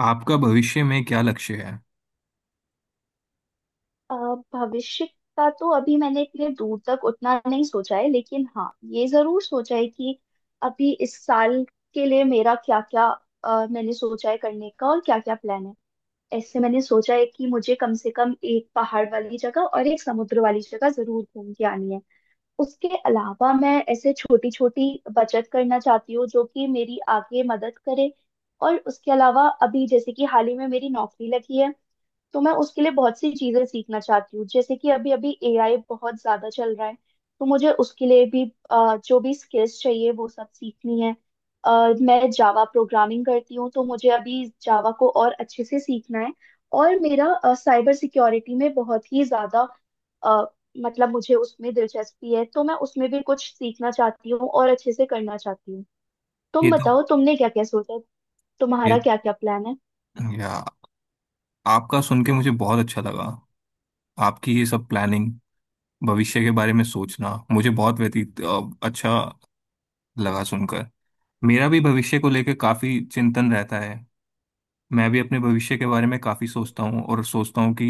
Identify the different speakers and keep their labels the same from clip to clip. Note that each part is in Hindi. Speaker 1: आपका भविष्य में क्या लक्ष्य है?
Speaker 2: अ, भविष्य का तो अभी मैंने इतने दूर तक उतना नहीं सोचा है लेकिन हाँ ये जरूर सोचा है कि अभी इस साल के लिए मेरा क्या क्या मैंने सोचा है करने का और क्या क्या प्लान है। ऐसे मैंने सोचा है कि मुझे कम से कम एक पहाड़ वाली जगह और एक समुद्र वाली जगह जरूर घूम के आनी है। उसके अलावा मैं ऐसे छोटी छोटी बचत करना चाहती हूँ जो कि मेरी आगे मदद करे। और उसके अलावा अभी जैसे कि हाल ही में मेरी नौकरी लगी है तो मैं उसके लिए बहुत सी चीजें सीखना चाहती हूँ, जैसे कि अभी अभी एआई बहुत ज्यादा चल रहा है तो मुझे उसके लिए भी जो भी स्किल्स चाहिए वो सब सीखनी है। मैं जावा प्रोग्रामिंग करती हूँ तो मुझे अभी जावा को और अच्छे से सीखना है। और मेरा साइबर सिक्योरिटी में बहुत ही ज्यादा अ, मतलब मुझे उसमें दिलचस्पी है तो मैं उसमें भी कुछ सीखना चाहती हूँ और अच्छे से करना चाहती हूँ।
Speaker 1: ये
Speaker 2: तुम
Speaker 1: तो
Speaker 2: बताओ तुमने क्या क्या सोचा,
Speaker 1: ये
Speaker 2: तुम्हारा क्या क्या प्लान है।
Speaker 1: या आपका सुन के मुझे बहुत अच्छा लगा। आपकी ये सब प्लानिंग, भविष्य के बारे में सोचना मुझे बहुत अच्छा लगा सुनकर। मेरा भी भविष्य को लेकर काफी चिंतन रहता है। मैं भी अपने भविष्य के बारे में काफी सोचता
Speaker 2: हम्म।
Speaker 1: हूँ और सोचता हूँ कि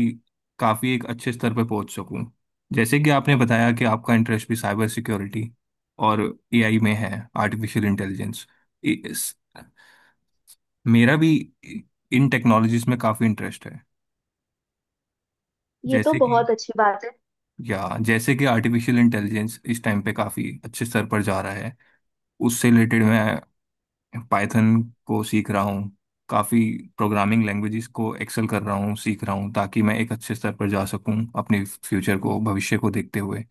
Speaker 1: काफी एक अच्छे स्तर पर पहुंच सकूँ। जैसे कि आपने बताया कि आपका इंटरेस्ट भी साइबर सिक्योरिटी और एआई में है, आर्टिफिशियल इंटेलिजेंस। मेरा भी इन टेक्नोलॉजीज में काफ़ी इंटरेस्ट है।
Speaker 2: ये तो
Speaker 1: जैसे कि
Speaker 2: बहुत अच्छी बात है।
Speaker 1: जैसे कि आर्टिफिशियल इंटेलिजेंस इस टाइम पे काफ़ी अच्छे स्तर पर जा रहा है। उससे रिलेटेड मैं पाइथन को सीख रहा हूँ, काफ़ी प्रोग्रामिंग लैंग्वेजेस को एक्सेल कर रहा हूँ, सीख रहा हूँ, ताकि मैं एक अच्छे स्तर पर जा सकूँ अपने फ्यूचर को, भविष्य को देखते हुए।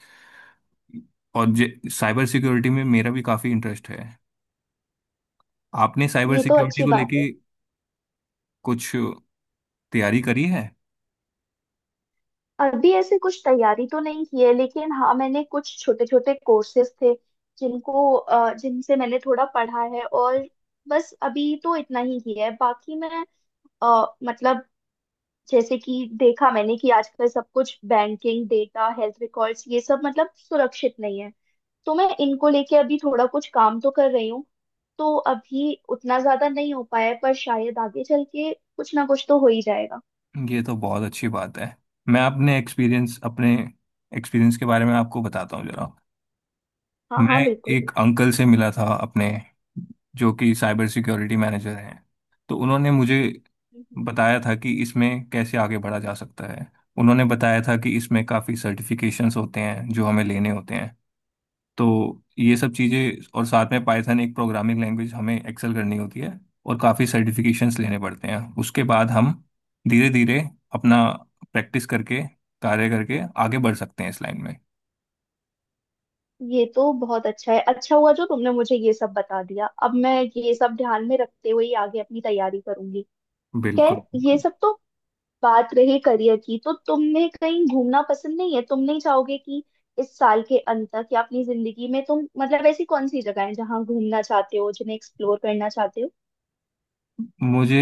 Speaker 1: और जे साइबर सिक्योरिटी में मेरा भी काफ़ी इंटरेस्ट है। आपने साइबर
Speaker 2: ये तो
Speaker 1: सिक्योरिटी
Speaker 2: अच्छी
Speaker 1: को
Speaker 2: बात
Speaker 1: लेके
Speaker 2: है।
Speaker 1: कुछ तैयारी करी है?
Speaker 2: अभी ऐसे कुछ तैयारी तो नहीं की है, लेकिन हाँ मैंने कुछ छोटे छोटे कोर्सेज थे जिनको जिनसे मैंने थोड़ा पढ़ा है, और बस अभी तो इतना ही किया है। बाकी मैं मतलब जैसे कि देखा मैंने कि आजकल सब कुछ बैंकिंग डेटा हेल्थ रिकॉर्ड्स ये सब मतलब सुरक्षित नहीं है, तो मैं इनको लेके अभी थोड़ा कुछ काम तो कर रही हूँ। तो अभी उतना ज्यादा नहीं हो पाया है, पर शायद आगे चल के कुछ ना कुछ तो हो ही जाएगा।
Speaker 1: ये तो बहुत अच्छी बात है। मैं अपने एक्सपीरियंस के बारे में आपको बताता हूँ जरा।
Speaker 2: हाँ
Speaker 1: मैं
Speaker 2: हाँ बिल्कुल।
Speaker 1: एक अंकल से मिला था अपने, जो कि साइबर सिक्योरिटी मैनेजर हैं। तो उन्होंने मुझे बताया था कि इसमें कैसे आगे बढ़ा जा सकता है। उन्होंने बताया था कि इसमें काफ़ी सर्टिफिकेशंस होते हैं जो हमें लेने होते हैं। तो ये सब चीज़ें, और साथ में पाइथन एक प्रोग्रामिंग लैंग्वेज हमें एक्सेल करनी होती है, और काफ़ी सर्टिफिकेशंस लेने पड़ते हैं। उसके बाद हम धीरे धीरे अपना प्रैक्टिस करके, कार्य करके आगे बढ़ सकते हैं इस लाइन में।
Speaker 2: ये तो बहुत अच्छा है, अच्छा हुआ जो तुमने मुझे ये सब बता दिया। अब मैं ये सब ध्यान में रखते हुए ही आगे अपनी तैयारी करूंगी।
Speaker 1: बिल्कुल
Speaker 2: खैर, ये
Speaker 1: बिल्कुल।
Speaker 2: सब तो बात रही करियर की। तो तुम्हें कहीं घूमना पसंद नहीं है, तुम नहीं चाहोगे कि इस साल के अंत तक या अपनी जिंदगी में तुम मतलब ऐसी कौन सी जगह है जहाँ घूमना चाहते हो जिन्हें एक्सप्लोर करना चाहते हो।
Speaker 1: मुझे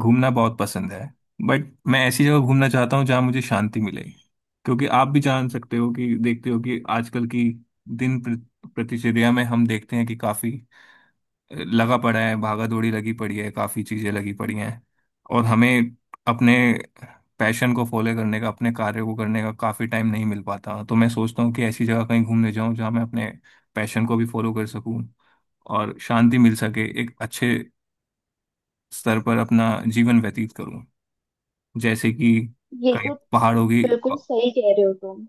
Speaker 1: घूमना बहुत पसंद है, बट मैं ऐसी जगह घूमना चाहता हूँ जहाँ मुझे शांति मिले। क्योंकि आप भी जान सकते हो कि, देखते हो कि आजकल की प्रतिचर्या में हम देखते हैं कि काफ़ी लगा पड़ा है, भागा दौड़ी लगी पड़ी है, काफी चीजें लगी पड़ी हैं। और हमें अपने पैशन को फॉलो करने का, अपने कार्य को करने का काफी टाइम नहीं मिल पाता। तो मैं सोचता हूँ कि ऐसी जगह कहीं घूमने जाऊं जहां मैं अपने पैशन को भी फॉलो कर सकूं और शांति मिल सके, एक अच्छे स्तर पर अपना जीवन व्यतीत करूं। जैसे कि
Speaker 2: ये
Speaker 1: कहीं
Speaker 2: तो
Speaker 1: पहाड़ों की
Speaker 2: बिल्कुल सही कह रहे हो तुम।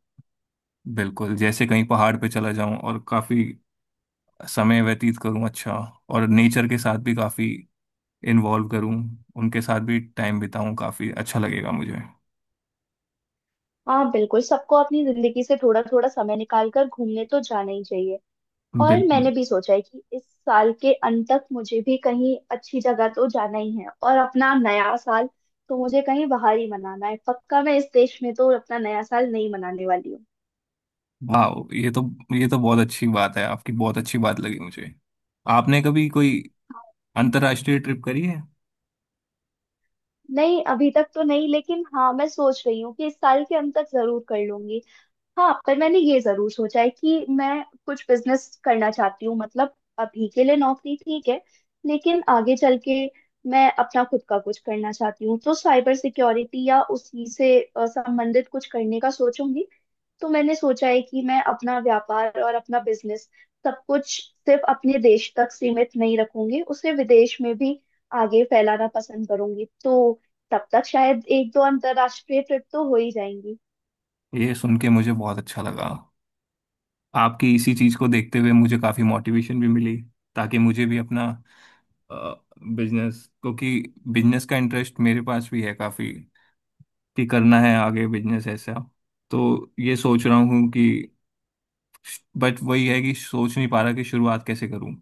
Speaker 1: बिल्कुल, जैसे कहीं पहाड़ पे चला जाऊं और काफी समय व्यतीत करूं अच्छा, और नेचर के साथ भी काफी इन्वॉल्व करूं, उनके साथ भी टाइम बिताऊं। काफी अच्छा लगेगा मुझे।
Speaker 2: हाँ बिल्कुल, सबको अपनी जिंदगी से थोड़ा थोड़ा समय निकाल कर घूमने तो जाना ही चाहिए। और
Speaker 1: बिल्कुल।
Speaker 2: मैंने भी सोचा है कि इस साल के अंत तक मुझे भी कहीं अच्छी जगह तो जाना ही है, और अपना नया साल तो मुझे कहीं बाहर ही मनाना है। पक्का मैं इस देश में तो अपना नया साल नहीं मनाने वाली हूँ।
Speaker 1: वाह, ये तो बहुत अच्छी बात है, आपकी बहुत अच्छी बात लगी मुझे। आपने कभी कोई अंतर्राष्ट्रीय ट्रिप करी है?
Speaker 2: नहीं, अभी तक तो नहीं, लेकिन हाँ मैं सोच रही हूँ कि इस साल के अंत तक जरूर कर लूंगी। हाँ, पर मैंने ये जरूर सोचा है कि मैं कुछ बिजनेस करना चाहती हूँ। मतलब अभी के लिए नौकरी ठीक है, लेकिन आगे चल के मैं अपना खुद का कुछ करना चाहती हूँ, तो साइबर सिक्योरिटी या उसी से संबंधित कुछ करने का सोचूंगी। तो मैंने सोचा है कि मैं अपना व्यापार और अपना बिजनेस सब कुछ सिर्फ अपने देश तक सीमित नहीं रखूंगी, उसे विदेश में भी आगे फैलाना पसंद करूंगी। तो तब तक शायद एक दो अंतरराष्ट्रीय ट्रिप तो हो ही जाएंगी।
Speaker 1: ये सुन के मुझे बहुत अच्छा लगा। आपकी इसी चीज को देखते हुए मुझे काफी मोटिवेशन भी मिली, ताकि मुझे भी अपना बिजनेस, क्योंकि बिजनेस का इंटरेस्ट मेरे पास भी है काफी, कि करना है आगे बिजनेस ऐसा। तो ये सोच रहा हूँ कि, बट वही है कि सोच नहीं पा रहा कि शुरुआत कैसे करूं।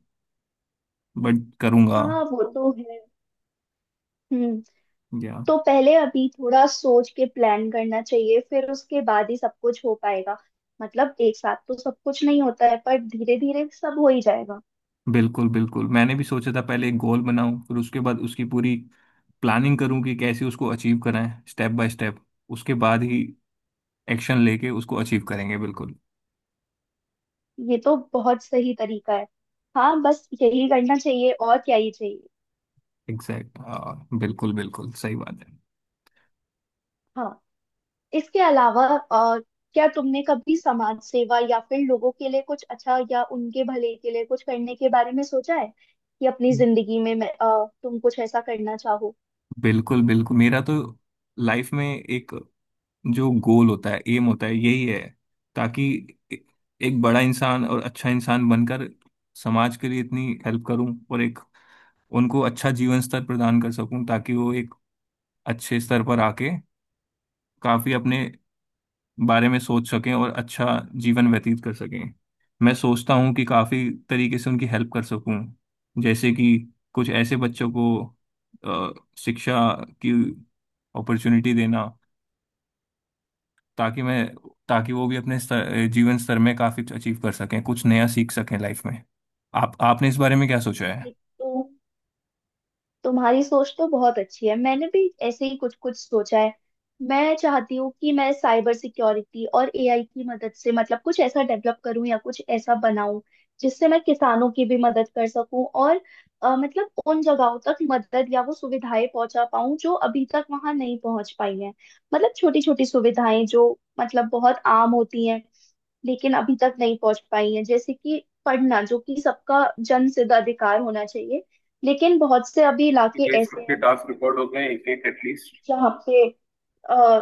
Speaker 1: बट करूंगा।
Speaker 2: हाँ वो तो है। हम्म।
Speaker 1: या
Speaker 2: तो पहले अभी थोड़ा सोच के प्लान करना चाहिए, फिर उसके बाद ही सब कुछ हो पाएगा। मतलब एक साथ तो सब कुछ नहीं होता है, पर धीरे धीरे सब हो ही जाएगा।
Speaker 1: बिल्कुल बिल्कुल, मैंने भी सोचा था पहले एक गोल बनाऊं, फिर उसके बाद उसकी पूरी प्लानिंग करूं कि कैसे उसको अचीव कराएं स्टेप बाय स्टेप। उसके बाद ही एक्शन लेके उसको अचीव करेंगे बिल्कुल।
Speaker 2: ये तो बहुत सही तरीका है। हाँ बस यही करना चाहिए, और क्या ही चाहिए।
Speaker 1: एग्जैक्ट, हाँ, बिल्कुल बिल्कुल सही बात है।
Speaker 2: हाँ। इसके अलावा क्या तुमने कभी समाज सेवा या फिर लोगों के लिए कुछ अच्छा या उनके भले के लिए कुछ करने के बारे में सोचा है, कि अपनी जिंदगी में मैं, तुम कुछ ऐसा करना चाहो।
Speaker 1: बिल्कुल बिल्कुल, मेरा तो लाइफ में एक जो गोल होता है, एम होता है, यही है। ताकि ए- एक बड़ा इंसान और अच्छा इंसान बनकर समाज के लिए इतनी हेल्प करूं, और एक उनको अच्छा जीवन स्तर प्रदान कर सकूं, ताकि वो एक अच्छे स्तर पर आके काफी अपने बारे में सोच सकें और अच्छा जीवन व्यतीत कर सकें। मैं सोचता हूं कि काफी तरीके से उनकी हेल्प कर सकूं। जैसे कि कुछ ऐसे बच्चों को शिक्षा की अपॉर्चुनिटी देना, ताकि मैं ताकि वो भी जीवन स्तर में काफी अचीव कर सकें, कुछ नया सीख सकें लाइफ में। आप आपने इस बारे में क्या सोचा है?
Speaker 2: ये तो तुम्हारी सोच तो बहुत अच्छी है। मैंने भी ऐसे ही कुछ कुछ सोचा है। मैं चाहती हूँ कि मैं साइबर सिक्योरिटी और एआई की मदद से मतलब कुछ ऐसा डेवलप करूँ या कुछ ऐसा बनाऊं जिससे मैं किसानों की भी मदद कर सकूं, और मतलब उन जगहों तक मदद या वो सुविधाएं पहुंचा पाऊं जो अभी तक वहां नहीं पहुंच पाई हैं। मतलब छोटी छोटी सुविधाएं जो मतलब बहुत आम होती हैं लेकिन अभी तक नहीं पहुंच पाई है, जैसे कि पढ़ना, जो कि सबका जन सिद्ध अधिकार होना चाहिए। लेकिन बहुत से अभी इलाके ऐसे हैं जहाँ पे अ,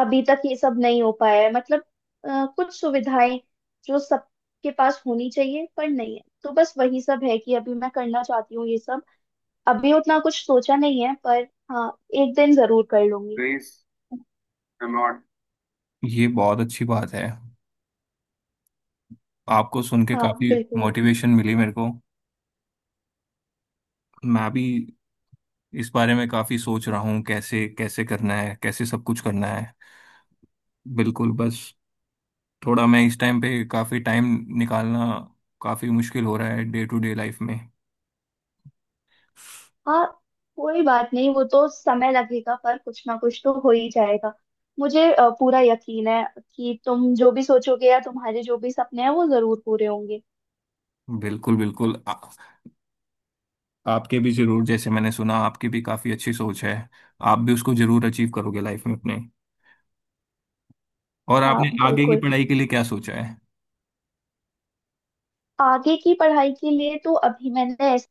Speaker 2: अभी तक ये सब नहीं हो पाया है। मतलब कुछ सुविधाएं जो सबके पास होनी चाहिए पर नहीं है, तो बस वही सब है कि अभी मैं करना चाहती हूँ ये सब। अभी उतना कुछ सोचा नहीं है, पर हाँ, एक दिन जरूर कर लूंगी।
Speaker 1: प्लीज, एम नॉट, ये बहुत अच्छी बात है। आपको सुन के
Speaker 2: हाँ
Speaker 1: काफी
Speaker 2: बिल्कुल।
Speaker 1: मोटिवेशन मिली मेरे को। मैं भी इस बारे में काफी सोच रहा हूँ, कैसे कैसे करना है, कैसे सब कुछ करना है। बिल्कुल, बस थोड़ा मैं इस टाइम पे काफी टाइम निकालना काफी मुश्किल हो रहा है डे टू डे लाइफ में।
Speaker 2: हाँ, कोई बात नहीं, वो तो समय लगेगा, पर कुछ ना कुछ तो हो ही जाएगा। मुझे पूरा यकीन है कि तुम जो भी सोचोगे या तुम्हारे जो भी सपने हैं वो जरूर पूरे होंगे।
Speaker 1: बिल्कुल बिल्कुल, आपके भी जरूर, जैसे मैंने सुना आपकी भी काफी अच्छी सोच है, आप भी उसको जरूर अचीव करोगे लाइफ में अपने। और
Speaker 2: हाँ
Speaker 1: आपने आगे की
Speaker 2: बिल्कुल।
Speaker 1: पढ़ाई के लिए क्या सोचा है?
Speaker 2: आगे की पढ़ाई के लिए तो अभी मैंने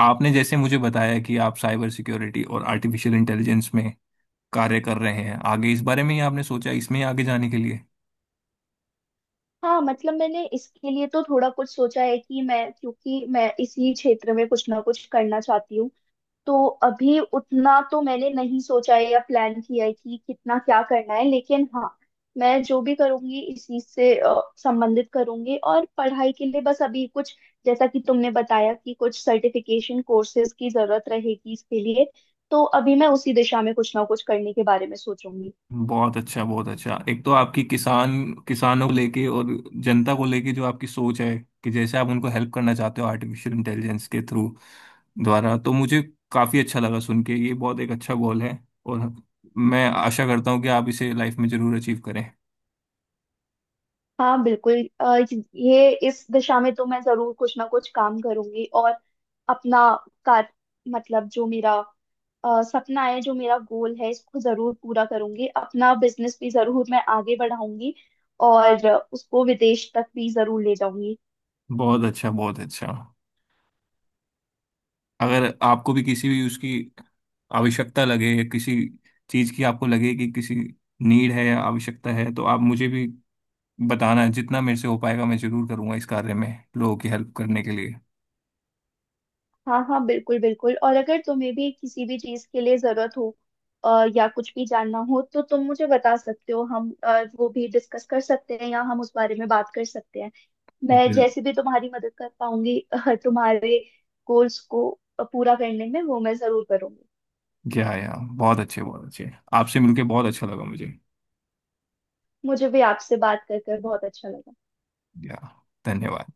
Speaker 1: आपने जैसे मुझे बताया कि आप साइबर सिक्योरिटी और आर्टिफिशियल इंटेलिजेंस में कार्य कर रहे हैं, आगे इस बारे में ही आपने सोचा, इसमें ही आगे जाने के लिए।
Speaker 2: हाँ, मतलब मैंने इसके लिए तो थोड़ा कुछ सोचा है कि मैं, क्योंकि मैं इसी क्षेत्र में कुछ ना कुछ करना चाहती हूँ, तो अभी उतना तो मैंने नहीं सोचा है या प्लान किया है कि कितना क्या करना है। लेकिन हाँ, मैं जो भी करूंगी इस चीज से संबंधित करूंगी। और पढ़ाई के लिए बस अभी कुछ, जैसा कि तुमने बताया कि कुछ सर्टिफिकेशन कोर्सेज की जरूरत रहेगी इसके लिए, तो अभी मैं उसी दिशा में कुछ ना कुछ करने के बारे में सोचूंगी।
Speaker 1: बहुत अच्छा, बहुत अच्छा। एक तो आपकी किसानों को लेके और जनता को लेके जो आपकी सोच है, कि जैसे आप उनको हेल्प करना चाहते हो आर्टिफिशियल इंटेलिजेंस के थ्रू द्वारा, तो मुझे काफी अच्छा लगा सुन के। ये बहुत एक अच्छा गोल है, और मैं आशा करता हूँ कि आप इसे लाइफ में जरूर अचीव करें।
Speaker 2: हाँ बिल्कुल। ये इस दिशा में तो मैं जरूर कुछ ना कुछ काम करूंगी, और अपना कार मतलब जो मेरा सपना है, जो मेरा गोल है, इसको जरूर पूरा करूंगी। अपना बिजनेस भी जरूर मैं आगे बढ़ाऊंगी और उसको विदेश तक भी जरूर ले जाऊंगी।
Speaker 1: बहुत अच्छा बहुत अच्छा। अगर आपको भी किसी भी उसकी आवश्यकता लगे, या किसी चीज की आपको लगे कि किसी नीड है या आवश्यकता है, तो आप मुझे भी बताना। जितना मेरे से हो पाएगा मैं जरूर करूंगा इस कार्य में, लोगों की हेल्प करने के लिए।
Speaker 2: हाँ हाँ बिल्कुल बिल्कुल। और अगर तुम्हें भी किसी भी चीज के लिए जरूरत हो या कुछ भी जानना हो तो तुम मुझे बता सकते हो। हम वो भी डिस्कस कर सकते हैं या हम उस बारे में बात कर सकते हैं। मैं
Speaker 1: दिल,
Speaker 2: जैसे भी तुम्हारी मदद कर पाऊंगी तुम्हारे गोल्स को पूरा करने में, वो मैं जरूर करूंगी।
Speaker 1: क्या, या, बहुत अच्छे बहुत अच्छे, आपसे मिलके बहुत अच्छा लगा मुझे।
Speaker 2: मुझे भी आपसे बात कर कर बहुत अच्छा लगा।
Speaker 1: या, धन्यवाद।